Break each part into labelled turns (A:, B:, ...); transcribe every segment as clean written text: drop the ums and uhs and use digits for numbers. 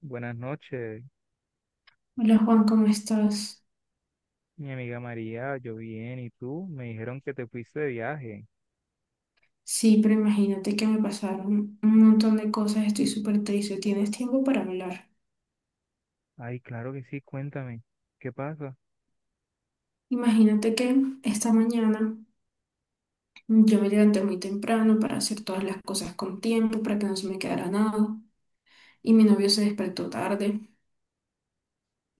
A: Buenas noches,
B: Hola Juan, ¿cómo estás?
A: mi amiga María, yo bien, ¿y tú? Me dijeron que te fuiste de viaje.
B: Sí, pero imagínate que me pasaron un montón de cosas, estoy súper triste, ¿tienes tiempo para hablar?
A: Ay, claro que sí, cuéntame, ¿qué pasa?
B: Imagínate que esta mañana yo me levanté muy temprano para hacer todas las cosas con tiempo, para que no se me quedara nada, y mi novio se despertó tarde,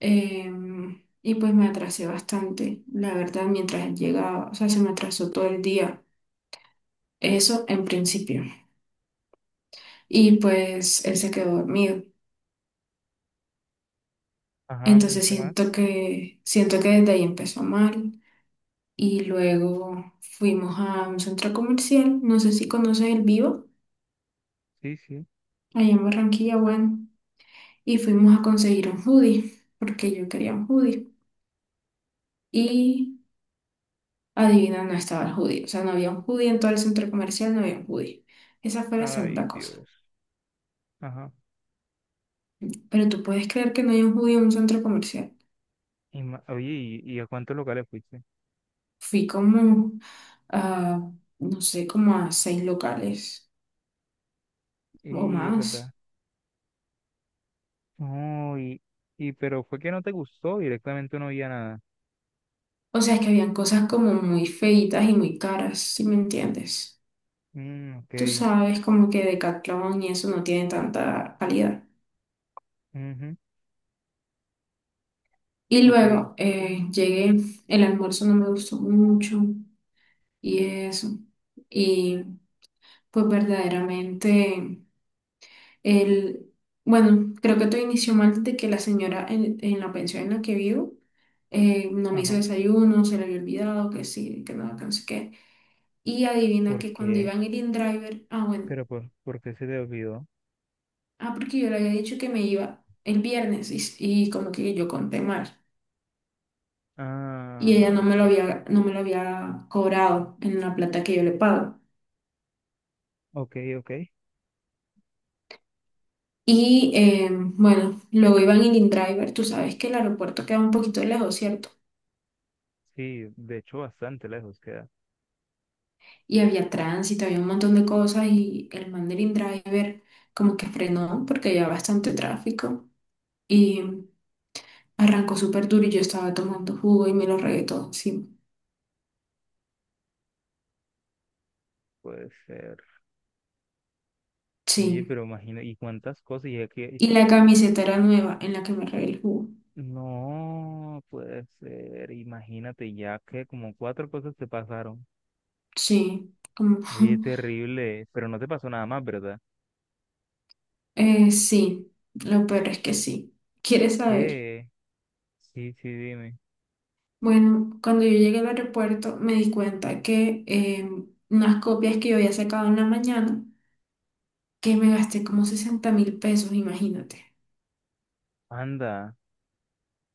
B: y pues me atrasé bastante, la verdad, mientras él llegaba, o sea, se me atrasó todo el día, eso en principio, y pues él se quedó dormido.
A: Ajá, ¿y
B: Entonces
A: qué más?
B: siento que desde ahí empezó mal y luego fuimos a un centro comercial, no sé si conoces El Vivo,
A: Sí, sí.
B: allá en Barranquilla, bueno, y fuimos a conseguir un hoodie, porque yo quería un hoodie. Y adivina, no estaba el hoodie, o sea, no había un hoodie en todo el centro comercial, no había un hoodie. Esa fue la
A: Ay,
B: segunda cosa.
A: Dios. Ajá.
B: Pero tú puedes creer que no hay un hoodie en un centro comercial.
A: Oye, ¿y a cuántos locales fuiste?
B: Fui como a, no sé, como a seis locales o
A: Y, verdad.
B: más.
A: No, y, pero fue que no te gustó, directamente no había nada.
B: O sea, es que habían cosas como muy feitas y muy caras, si me entiendes.
A: Mm, ok,
B: Tú sabes, como que Decathlon y eso no tiene tanta calidad.
A: ujú,
B: Y
A: ok,
B: luego llegué, el almuerzo no me gustó mucho y eso. Y pues verdaderamente, el, bueno, creo que todo inició mal desde que la señora en la pensión en la que vivo no me hizo
A: ajá.
B: desayuno, se le había olvidado que sí, que nada, que no sé qué. Y adivina
A: ¿Por
B: que cuando
A: qué?
B: iban el in-driver, ah, bueno.
A: Pero, por qué se te olvidó?
B: Ah, porque yo le había dicho que me iba el viernes y como que yo conté mal. Y ella
A: Ah, ok,
B: no me lo había cobrado en la plata que yo le pago.
A: ok, ok.
B: Y bueno, luego iba en el driver. Tú sabes que el aeropuerto queda un poquito lejos, ¿cierto?
A: Sí, de hecho, bastante lejos queda.
B: Y había tránsito, había un montón de cosas y el man del driver como que frenó porque había bastante tráfico y arrancó súper duro y yo estaba tomando jugo y me lo regué todo encima.
A: Puede ser. Oye,
B: Sí.
A: pero imagina, ¿y cuántas cosas?
B: Y la camiseta era nueva en la que me regué el jugo.
A: No, puede ser. Imagínate ya que como cuatro cosas te pasaron.
B: Sí, como,
A: Oye, terrible. Pero no te pasó nada más, ¿verdad?
B: sí, lo peor es que sí. ¿Quieres saber?
A: ¿Qué? Sí, sí, dime.
B: Bueno, cuando yo llegué al aeropuerto me di cuenta que unas copias que yo había sacado en la mañana, que me gasté como 60.000 pesos, imagínate.
A: Anda.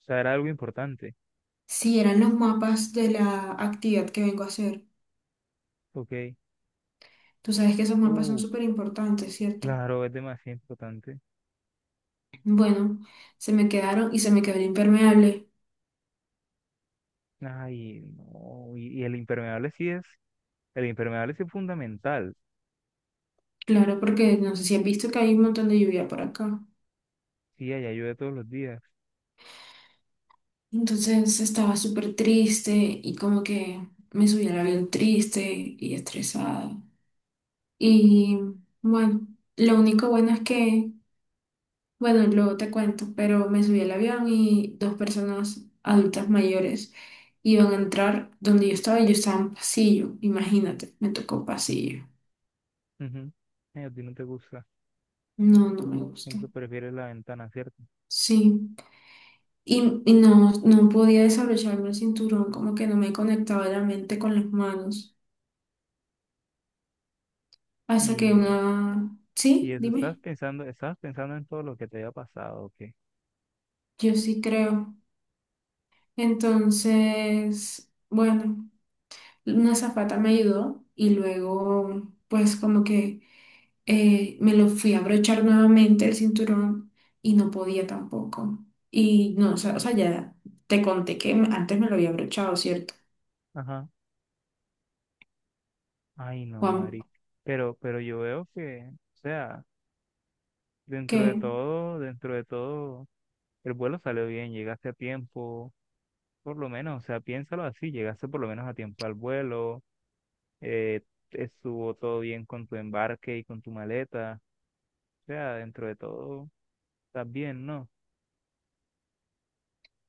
A: O sea, era algo importante.
B: Sí, eran los mapas de la actividad que vengo a hacer.
A: Ok.
B: Tú sabes que esos mapas son
A: Uh,
B: súper importantes, ¿cierto?
A: claro, es demasiado importante.
B: Bueno, se me quedaron y se me quedó el impermeable.
A: Ay, no. Y el impermeable sí el impermeable sí es fundamental.
B: Claro, porque no sé si has visto que hay un montón de lluvia por acá.
A: Sí, allá llueve todos los días.
B: Entonces estaba súper triste y como que me subí al avión triste y estresada. Y bueno, lo único bueno es que, bueno, luego te cuento, pero me subí al avión y dos personas adultas mayores iban a entrar donde yo estaba y yo estaba en pasillo, imagínate, me tocó pasillo.
A: Ujú. Ay, a ti no te gusta.
B: No, no me gusta.
A: Siempre prefieres la ventana, ¿cierto?
B: Sí, y no, no podía desabrocharme el cinturón, como que no me conectaba la mente con las manos. Hasta
A: Y,
B: que
A: eh,
B: una...
A: y
B: Sí,
A: eso,
B: dime.
A: estabas pensando en todo lo que te había pasado, ¿o qué?
B: Yo sí creo. Entonces, bueno, una azafata me ayudó y luego, pues como que me lo fui a abrochar nuevamente el cinturón y no podía tampoco. Y no, o sea, ya te conté que antes me lo había abrochado, ¿cierto?
A: Ajá. Ay, no,
B: Juan,
A: Mari. Pero yo veo que, o sea,
B: que
A: dentro de todo, el vuelo salió bien, llegaste a tiempo, por lo menos, o sea, piénsalo así, llegaste por lo menos a tiempo al vuelo, eh, estuvo todo bien con tu embarque y con tu maleta, o sea, dentro de todo, estás bien, ¿no?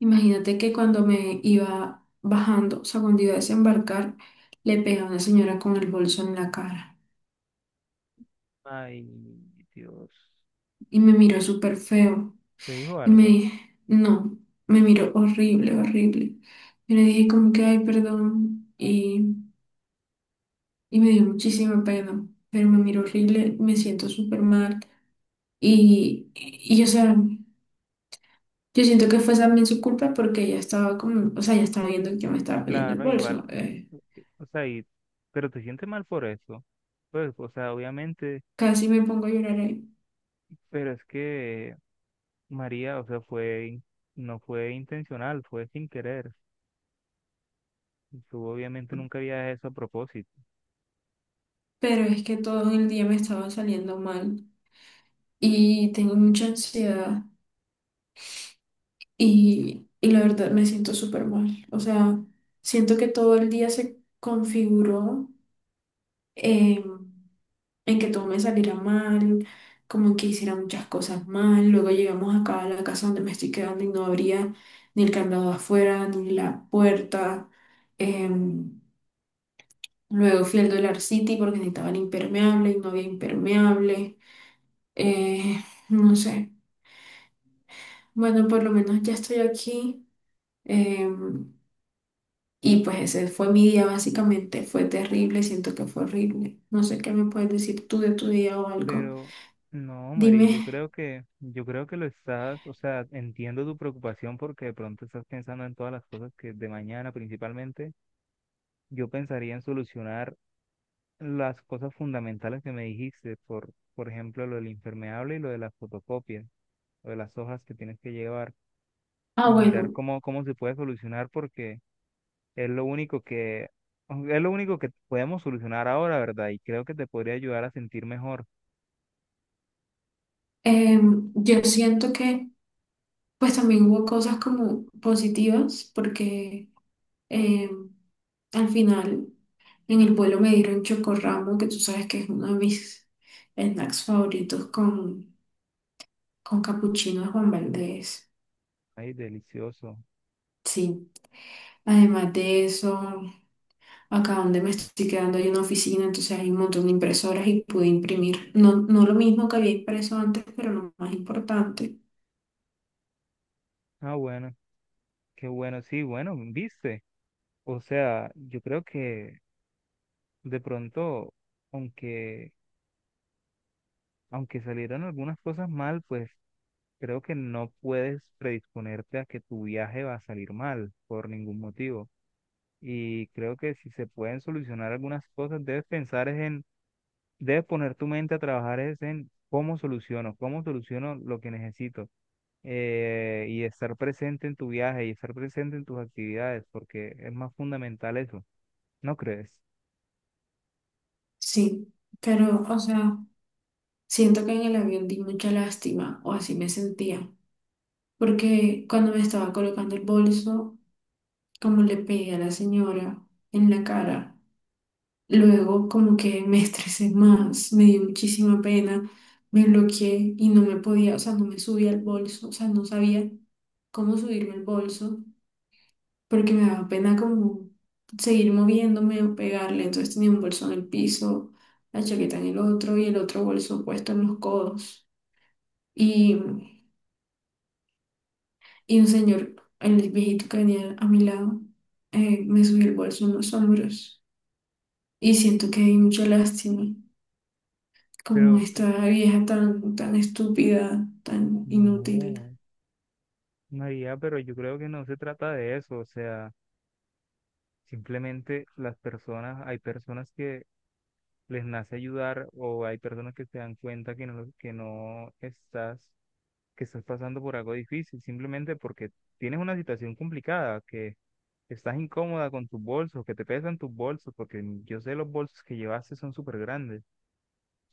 B: imagínate que cuando me iba bajando, o sea, cuando iba a desembarcar, le pegué a una señora con el bolso en la cara
A: Ay, Dios.
B: y me miró súper feo.
A: ¿Te dijo
B: Y me
A: algo?
B: dije, no, me miró horrible, horrible. Yo le dije como que, ay, perdón. Y me dio muchísima pena, pero me miró horrible, me siento súper mal. O sea, yo siento que fue también su culpa porque ella estaba como, o sea, ya estaba viendo que yo me estaba poniendo el
A: Claro, igual,
B: bolso.
A: o sea, pero te sientes mal por eso. Pues, o sea, obviamente,
B: Casi me pongo a llorar ahí.
A: pero es que María, o sea, no fue intencional, fue sin querer. Tú obviamente nunca había eso a propósito.
B: Pero es que todo el día me estaba saliendo mal y tengo mucha ansiedad. Y la verdad me siento súper mal. O sea, siento que todo el día se configuró eh, en que todo me saliera mal, como en que hiciera muchas cosas mal. Luego llegamos acá a la casa donde me estoy quedando y no abría ni el candado afuera, ni la puerta. Em, Luego fui al Dollar City porque necesitaban impermeable y no había impermeable. Eh, no sé. Bueno, por lo menos ya estoy aquí. Em, Y pues ese fue mi día básicamente, fue terrible, siento que fue horrible. No sé qué me puedes decir tú de tu día o algo.
A: Pero, no, María,
B: Dime,
A: yo creo que lo estás, o sea, entiendo tu preocupación porque de pronto estás pensando en todas las cosas que de mañana principalmente. Yo pensaría en solucionar las cosas fundamentales que me dijiste, por ejemplo, lo del impermeable y lo de las fotocopias, lo de las hojas que tienes que llevar,
B: ah
A: mirar
B: bueno,
A: cómo se puede solucionar, porque es lo único que, es lo único que podemos solucionar ahora, ¿verdad? Y creo que te podría ayudar a sentir mejor.
B: yo siento que pues también hubo cosas como positivas porque em, al final en el vuelo me dieron chocorramo, que tú sabes que es uno de mis snacks favoritos con capuchino de Juan Valdez.
A: Ay, delicioso.
B: Sí, además de eso. Acá donde me estoy quedando hay una oficina, entonces hay un montón de impresoras y pude imprimir. No lo mismo que había impreso antes, pero lo más importante.
A: Ah, bueno, qué bueno, sí, bueno, viste. O sea, yo creo que de pronto, aunque, aunque salieron algunas cosas mal, pues creo que no puedes predisponerte a que tu viaje va a salir mal por ningún motivo. Y creo que si se pueden solucionar algunas cosas, debes pensar es en, debes poner tu mente a trabajar es en cómo soluciono lo que necesito. Y estar presente en tu viaje y estar presente en tus actividades, porque es más fundamental eso, ¿no crees?
B: Sí, pero, o sea, siento que en el avión di mucha lástima, o así me sentía. Porque cuando me estaba colocando el bolso, como le pegué a la señora en la cara, luego como que me estresé más, me dio muchísima pena, me bloqueé y no me podía, o sea, no me subía al bolso, o sea, no sabía cómo subirme el bolso. Porque me daba pena como seguir moviéndome o pegarle. Entonces tenía un bolso en el piso, la chaqueta en el otro y el otro bolso puesto en los codos. Y, y un señor, el viejito que venía a mi lado, me subió el bolso en los hombros. Y siento que hay mucha lástima, como
A: Pero tú,
B: esta vieja tan, tan estúpida, tan inútil.
A: no, María, pero yo creo que no se trata de eso, o sea, simplemente las personas, hay personas que les nace ayudar o hay personas que se dan cuenta que no estás, que estás pasando por algo difícil, simplemente porque tienes una situación complicada, que estás incómoda con tus bolsos, que te pesan tus bolsos, porque yo sé los bolsos que llevaste son súper grandes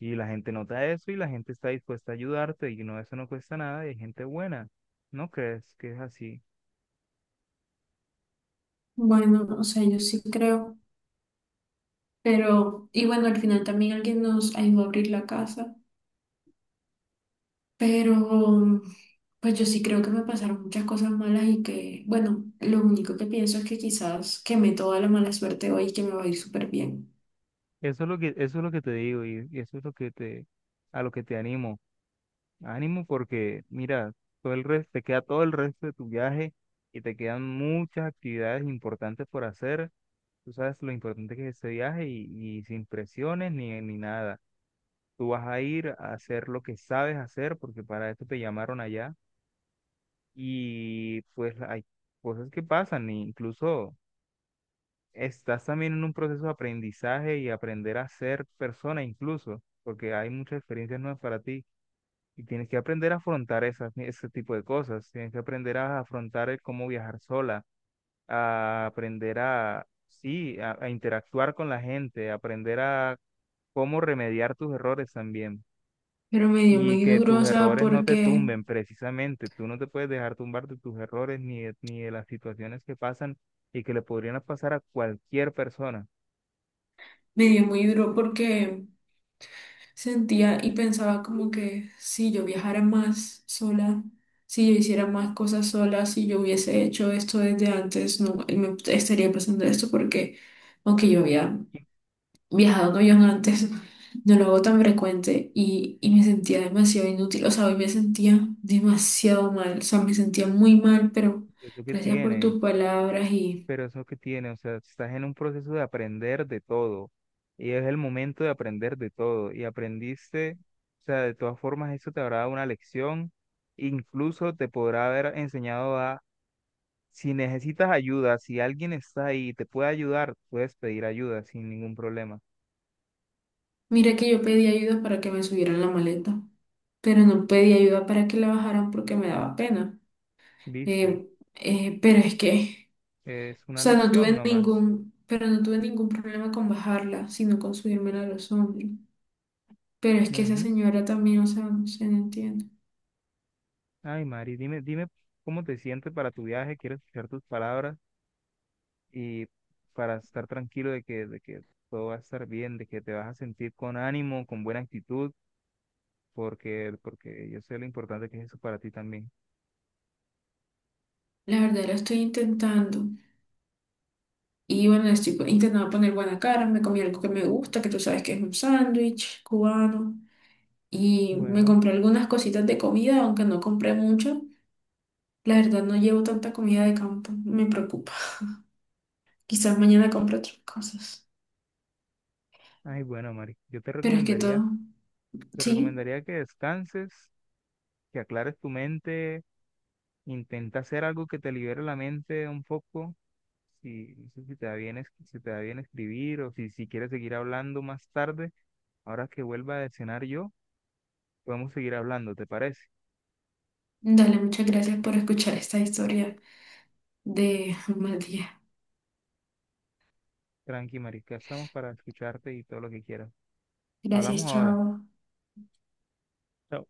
A: y la gente nota eso y la gente está dispuesta a ayudarte y no, eso no cuesta nada y hay gente buena, ¿no crees que es así?
B: Bueno, o sea, yo sí creo, pero, y bueno, al final también alguien nos ayudó a abrir la casa. Pero pues yo sí creo que me pasaron muchas cosas malas y que, bueno, lo único que pienso es que quizás quemé toda la mala suerte hoy y que me va a ir súper bien.
A: Eso es lo que te digo y eso es lo que te, a lo que te animo. Ánimo porque, mira, te queda todo el resto de tu viaje y te quedan muchas actividades importantes por hacer. Tú sabes lo importante que es ese viaje y sin presiones ni nada. Tú vas a ir a hacer lo que sabes hacer porque para esto te llamaron allá y pues hay cosas que pasan, e incluso estás también en un proceso de aprendizaje y aprender a ser persona incluso porque hay muchas experiencias nuevas para ti. Y tienes que aprender a afrontar ese tipo de cosas. Tienes que aprender a afrontar el cómo viajar sola, a aprender a, sí, a interactuar con la gente, a aprender a cómo remediar tus errores también.
B: Pero me dio
A: Y
B: muy
A: que
B: duro,
A: tus
B: o sea,
A: errores no te
B: porque
A: tumben precisamente. Tú no te puedes dejar tumbar de tus errores ni de las situaciones que pasan y que le podrían pasar a cualquier persona.
B: me dio muy duro porque sentía y pensaba como que si yo viajara más sola, si yo hiciera más cosas sola, si yo hubiese hecho esto desde antes, no me estaría pasando esto porque aunque yo había viajado un avión antes, no lo hago tan frecuente y me sentía demasiado inútil, o sea, hoy me sentía demasiado mal, o sea, me sentía muy mal, pero
A: Eso que
B: gracias por
A: tiene.
B: tus palabras y
A: Pero eso que tiene, o sea, estás en un proceso de aprender de todo y es el momento de aprender de todo y aprendiste, o sea, de todas formas eso te habrá dado una lección, incluso te podrá haber enseñado a, si necesitas ayuda, si alguien está ahí y te puede ayudar, puedes pedir ayuda sin ningún problema,
B: mira que yo pedí ayuda para que me subieran la maleta, pero no pedí ayuda para que la bajaran porque me daba pena.
A: ¿viste?
B: Eh, pero es que,
A: Es
B: o
A: una
B: sea,
A: lección nomás.
B: pero no tuve ningún problema con bajarla, sino con subírmela a los hombros. Pero es que esa
A: Ujú.
B: señora también, o sea, no se entiende.
A: Ay, Mari, dime, dime cómo te sientes para tu viaje, quiero escuchar tus palabras, y para estar tranquilo de que todo va a estar bien, de que te vas a sentir con ánimo, con buena actitud, porque yo sé lo importante que es eso para ti también.
B: La verdad, la estoy intentando. Y bueno, estoy intentando poner buena cara, me comí algo que me gusta, que tú sabes que es un sándwich cubano. Y me
A: Bueno,
B: compré algunas cositas de comida, aunque no compré mucho. La verdad, no llevo tanta comida de campo, me preocupa. Quizás mañana compre otras cosas.
A: ay, bueno, Mari,
B: Pero es que todo,
A: te
B: sí.
A: recomendaría que descanses, que aclares tu mente, intenta hacer algo que te libere la mente un poco. Si, no sé si te da bien, si te da bien escribir o si quieres seguir hablando más tarde, ahora que vuelva a cenar yo, podemos seguir hablando, ¿te parece?
B: Dale, muchas gracias por escuchar esta historia de un mal día.
A: Tranqui, marica, estamos para escucharte y todo lo que quieras.
B: Gracias,
A: Hablamos ahora.
B: chao.
A: Chao.